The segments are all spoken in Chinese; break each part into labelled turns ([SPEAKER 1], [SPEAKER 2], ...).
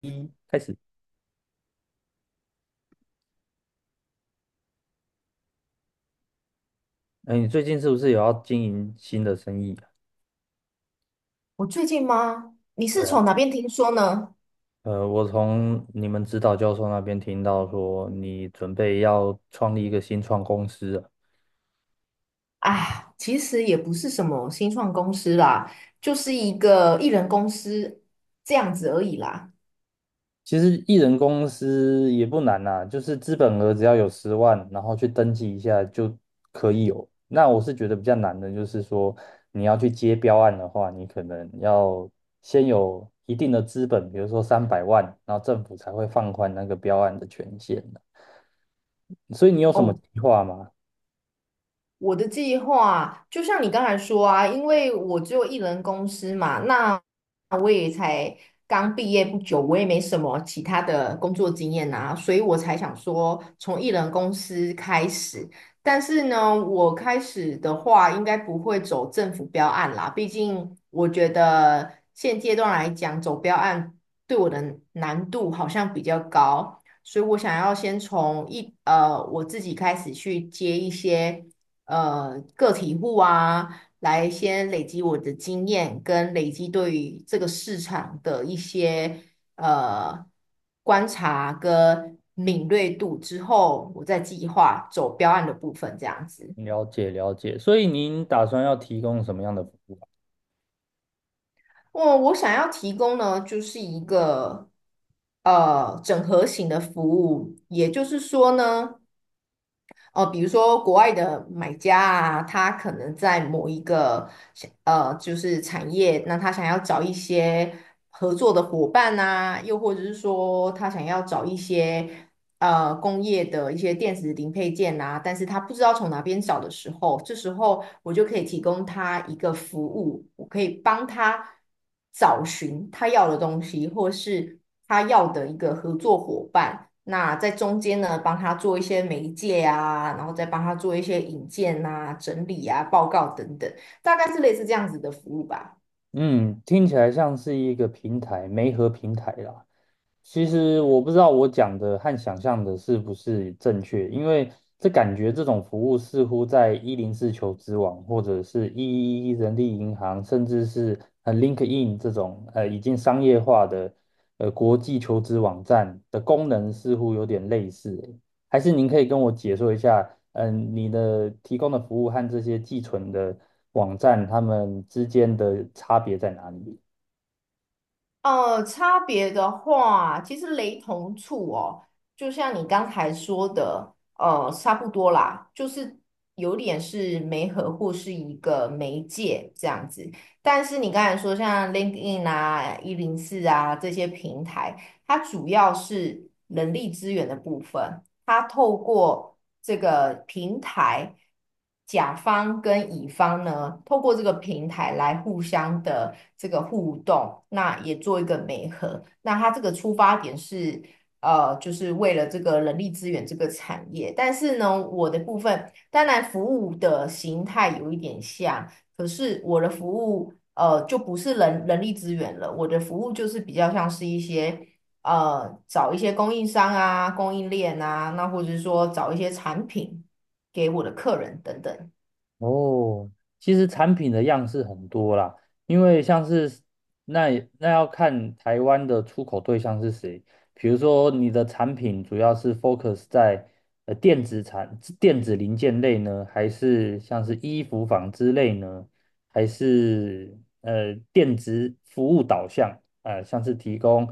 [SPEAKER 1] 一开始，哎，你最近是不是有要经营新的生意啊？
[SPEAKER 2] 我最近吗？你是
[SPEAKER 1] 对
[SPEAKER 2] 从
[SPEAKER 1] 啊，
[SPEAKER 2] 哪边听说呢？
[SPEAKER 1] 我从你们指导教授那边听到说，你准备要创立一个新创公司啊。
[SPEAKER 2] 啊，其实也不是什么新创公司啦，就是一个艺人公司这样子而已啦。
[SPEAKER 1] 其实艺人公司也不难啦，就是资本额只要有10万，然后去登记一下就可以有。那我是觉得比较难的，就是说你要去接标案的话，你可能要先有一定的资本，比如说300万，然后政府才会放宽那个标案的权限。所以你有什么
[SPEAKER 2] 哦。
[SPEAKER 1] 计划吗？
[SPEAKER 2] 我的计划就像你刚才说啊，因为我只有一人公司嘛，那我也才刚毕业不久，我也没什么其他的工作经验啊，所以我才想说从一人公司开始。但是呢，我开始的话应该不会走政府标案啦，毕竟我觉得现阶段来讲，走标案对我的难度好像比较高。所以我想要先从我自己开始去接一些个体户啊，来先累积我的经验，跟累积对于这个市场的一些呃观察跟敏锐度之后，我再计划走标案的部分，这样子。
[SPEAKER 1] 了解了解，所以您打算要提供什么样的服务啊。
[SPEAKER 2] 我想要提供呢，就是一个整合型的服务，也就是说呢。哦，比如说国外的买家啊，他可能在某一个就是产业，那他想要找一些合作的伙伴啊，又或者是说他想要找一些工业的一些电子零配件啊，但是他不知道从哪边找的时候，这时候我就可以提供他一个服务，我可以帮他找寻他要的东西，或是他要的一个合作伙伴。那在中间呢，帮他做一些媒介啊，然后再帮他做一些引荐啊、整理啊、报告等等，大概是类似这样子的服务吧。
[SPEAKER 1] 嗯，听起来像是一个平台，媒合平台啦。其实我不知道我讲的和想象的是不是正确，因为这感觉这种服务似乎在104求职网或者是111人力银行，甚至是LinkedIn 这种已经商业化的国际求职网站的功能似乎有点类似欸。还是您可以跟我解说一下，嗯，你的提供的服务和这些寄存的网站，它们之间的差别在哪里？
[SPEAKER 2] 呃，差别的话，其实雷同处哦，就像你刚才说的，差不多啦，就是有点是媒合或是一个媒介这样子。但是你刚才说像 LinkedIn 啊、一零四啊这些平台，它主要是人力资源的部分。他透过这个平台，甲方跟乙方呢，透过这个平台来互相的这个互动，那也做一个媒合。那他这个出发点是，就是为了这个人力资源这个产业。但是呢，我的部分当然服务的形态有一点像，可是我的服务。就不是人力资源了，我的服务就是比较像是一些找一些供应商啊、供应链啊，那或者是说找一些产品给我的客人等等。
[SPEAKER 1] 哦，其实产品的样式很多啦，因为像是那那要看台湾的出口对象是谁。比如说，你的产品主要是 focus 在电子产电子零件类呢，还是像是衣服纺织类呢，还是电子服务导向？像是提供。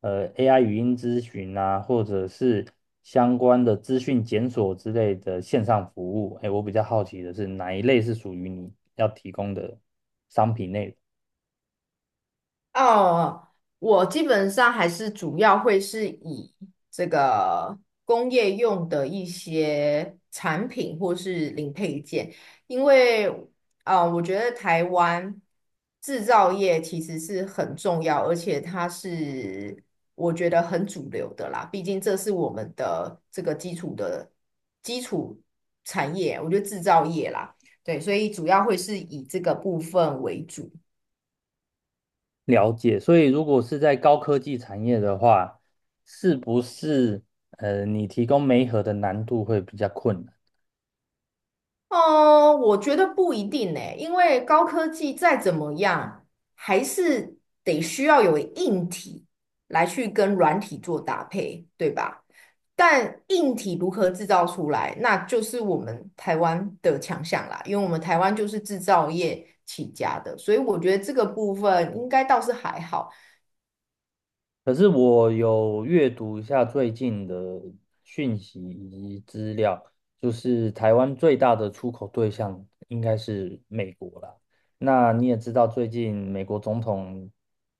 [SPEAKER 1] AI 语音咨询啊，或者是相关的资讯检索之类的线上服务。哎，我比较好奇的是哪一类是属于你要提供的商品内容。
[SPEAKER 2] 哦，我基本上还是主要会是以这个工业用的一些产品或是零配件，因为啊，我觉得台湾制造业其实是很重要，而且它是我觉得很主流的啦，毕竟这是我们的这个基础的基础产业，我觉得制造业啦，对，所以主要会是以这个部分为主。
[SPEAKER 1] 了解。所以如果是在高科技产业的话，是不是你提供媒合的难度会比较困难？
[SPEAKER 2] 哦，我觉得不一定呢，因为高科技再怎么样，还是得需要有硬体来去跟软体做搭配，对吧？但硬体如何制造出来，那就是我们台湾的强项啦，因为我们台湾就是制造业起家的，所以我觉得这个部分应该倒是还好。
[SPEAKER 1] 可是我有阅读一下最近的讯息以及资料，就是台湾最大的出口对象应该是美国啦。那你也知道，最近美国总统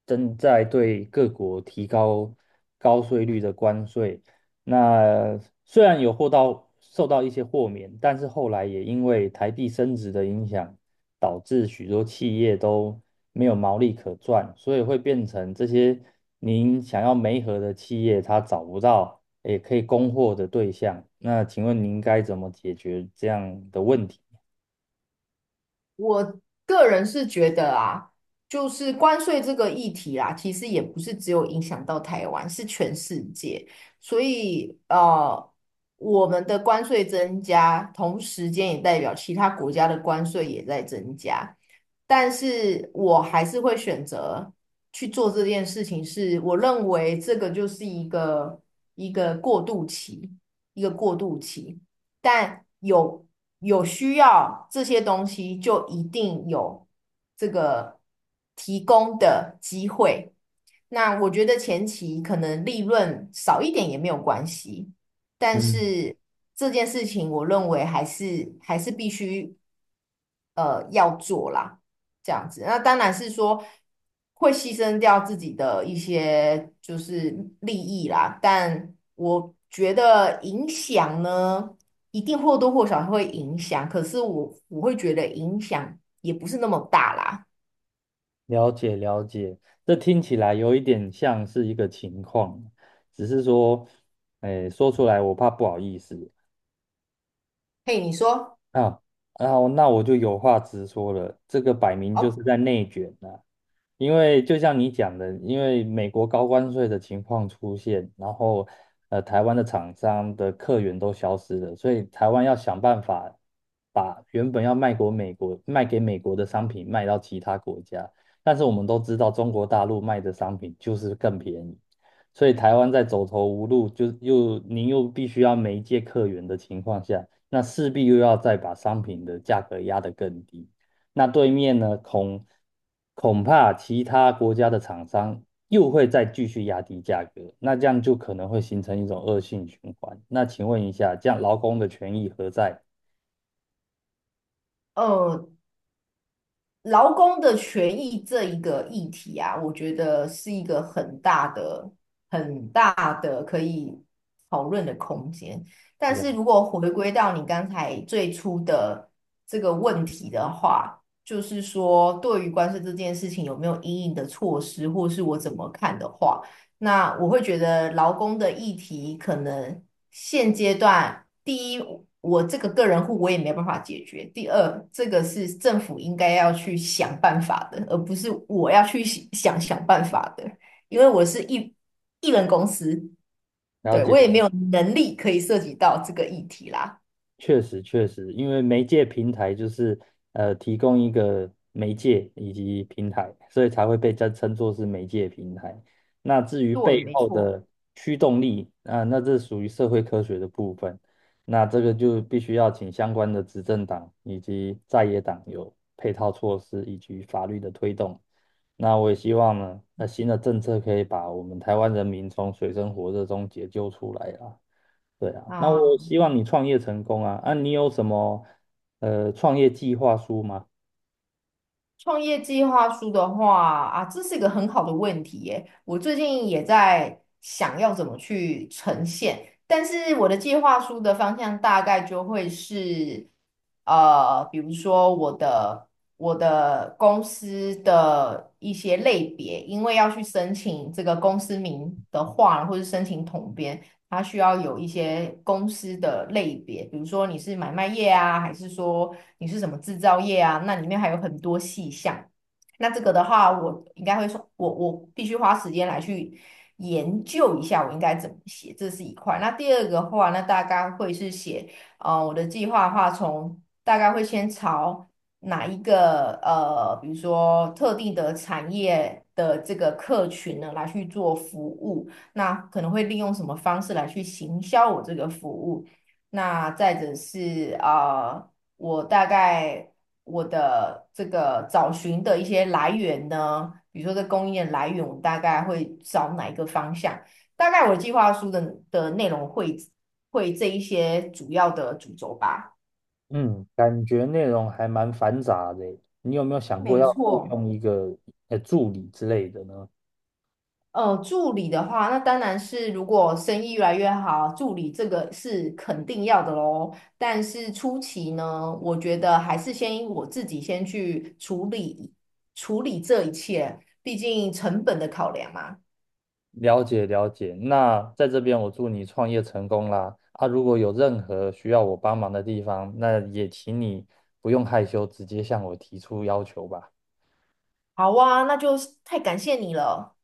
[SPEAKER 1] 正在对各国提高高税率的关税，那虽然有受到一些豁免，但是后来也因为台币升值的影响，导致许多企业都没有毛利可赚，所以会变成这些您想要媒合的企业，它找不到也可以供货的对象。那请问您该怎么解决这样的问题？
[SPEAKER 2] 我个人是觉得啊，就是关税这个议题啦，其实也不是只有影响到台湾，是全世界。所以我们的关税增加，同时间也代表其他国家的关税也在增加。但是我还是会选择去做这件事情是，我认为这个就是一个过渡期，一个过渡期。但有有需要这些东西，就一定有这个提供的机会。那我觉得前期可能利润少一点也没有关系，但
[SPEAKER 1] 嗯，
[SPEAKER 2] 是这件事情我认为还是必须要做啦，这样子。那当然是说会牺牲掉自己的一些就是利益啦，但我觉得影响呢。一定或多或少会影响，可是我会觉得影响也不是那么大啦。
[SPEAKER 1] 了解了解，这听起来有一点像是一个情况，只是说，哎，说出来我怕不好意思。
[SPEAKER 2] 嘿，你说，
[SPEAKER 1] 啊，然后那我就有话直说了，这个摆明就是
[SPEAKER 2] 好，
[SPEAKER 1] 在内卷呐、因为就像你讲的，因为美国高关税的情况出现，然后台湾的厂商的客源都消失了，所以台湾要想办法把原本要美国卖给美国的商品卖到其他国家，但是我们都知道中国大陆卖的商品就是更便宜，所以台湾在走投无路，就又您又必须要媒介客源的情况下。那势必又要再把商品的价格压得更低。那对面呢，恐怕其他国家的厂商又会再继续压低价格，那这样就可能会形成一种恶性循环。那请问一下，这样劳工的权益何在？
[SPEAKER 2] 呃，劳工的权益这一个议题啊，我觉得是一个很大的可以讨论的空间。但是
[SPEAKER 1] 了
[SPEAKER 2] 如果回归到你刚才最初的这个问题的话，就是说对于关税这件事情有没有因应的措施，或是我怎么看的话。那我会觉得劳工的议题可能现阶段，第一，我这个个人户我也没办法解决；第二，这个是政府应该要去想办法的，而不是我要去想办法的，因为我是一人公司，
[SPEAKER 1] 了
[SPEAKER 2] 对，
[SPEAKER 1] 解。
[SPEAKER 2] 我也没有能力可以涉及到这个议题啦。
[SPEAKER 1] 确实，确实，因为媒介平台就是提供一个媒介以及平台，所以才会被称作是媒介平台。那至于
[SPEAKER 2] 对，
[SPEAKER 1] 背
[SPEAKER 2] 没
[SPEAKER 1] 后
[SPEAKER 2] 错。
[SPEAKER 1] 的驱动力，啊、那这属于社会科学的部分。那这个就必须要请相关的执政党以及在野党有配套措施以及法律的推动。那我也希望呢，新的政策可以把我们台湾人民从水深火热中解救出来啦。对啊，那我
[SPEAKER 2] 啊。
[SPEAKER 1] 希望你创业成功啊！啊，你有什么创业计划书吗？
[SPEAKER 2] 创业计划书的话啊，这是一个很好的问题耶。我最近也在想要怎么去呈现，但是我的计划书的方向大概就会是，比如说我的公司的一些类别，因为要去申请这个公司名的话，或是申请统编，它需要有一些公司的类别，比如说你是买卖业啊，还是说你是什么制造业啊？那里面还有很多细项。那这个的话，我应该会说，我必须花时间来去研究一下，我应该怎么写，这是一块。那第二个的话，那大概会是写，我的计划的话，从大概会先朝哪一个比如说特定的产业的这个客群呢，来去做服务。那可能会利用什么方式来去行销我这个服务？那再者是我大概我的这个找寻的一些来源呢，比如说这供应链来源，我大概会找哪一个方向？大概我的计划书的内容会这一些主要的主轴吧。
[SPEAKER 1] 嗯，感觉内容还蛮繁杂的耶，你有没有想过
[SPEAKER 2] 没
[SPEAKER 1] 要雇
[SPEAKER 2] 错，
[SPEAKER 1] 佣一个助理之类的呢？
[SPEAKER 2] 助理的话，那当然是如果生意越来越好，助理这个是肯定要的喽。但是初期呢，我觉得还是先我自己先去处理这一切，毕竟成本的考量嘛。
[SPEAKER 1] 了解了解，那在这边我祝你创业成功啦！啊，如果有任何需要我帮忙的地方，那也请你不用害羞，直接向我提出要求吧。
[SPEAKER 2] 好啊，那就是太感谢你了。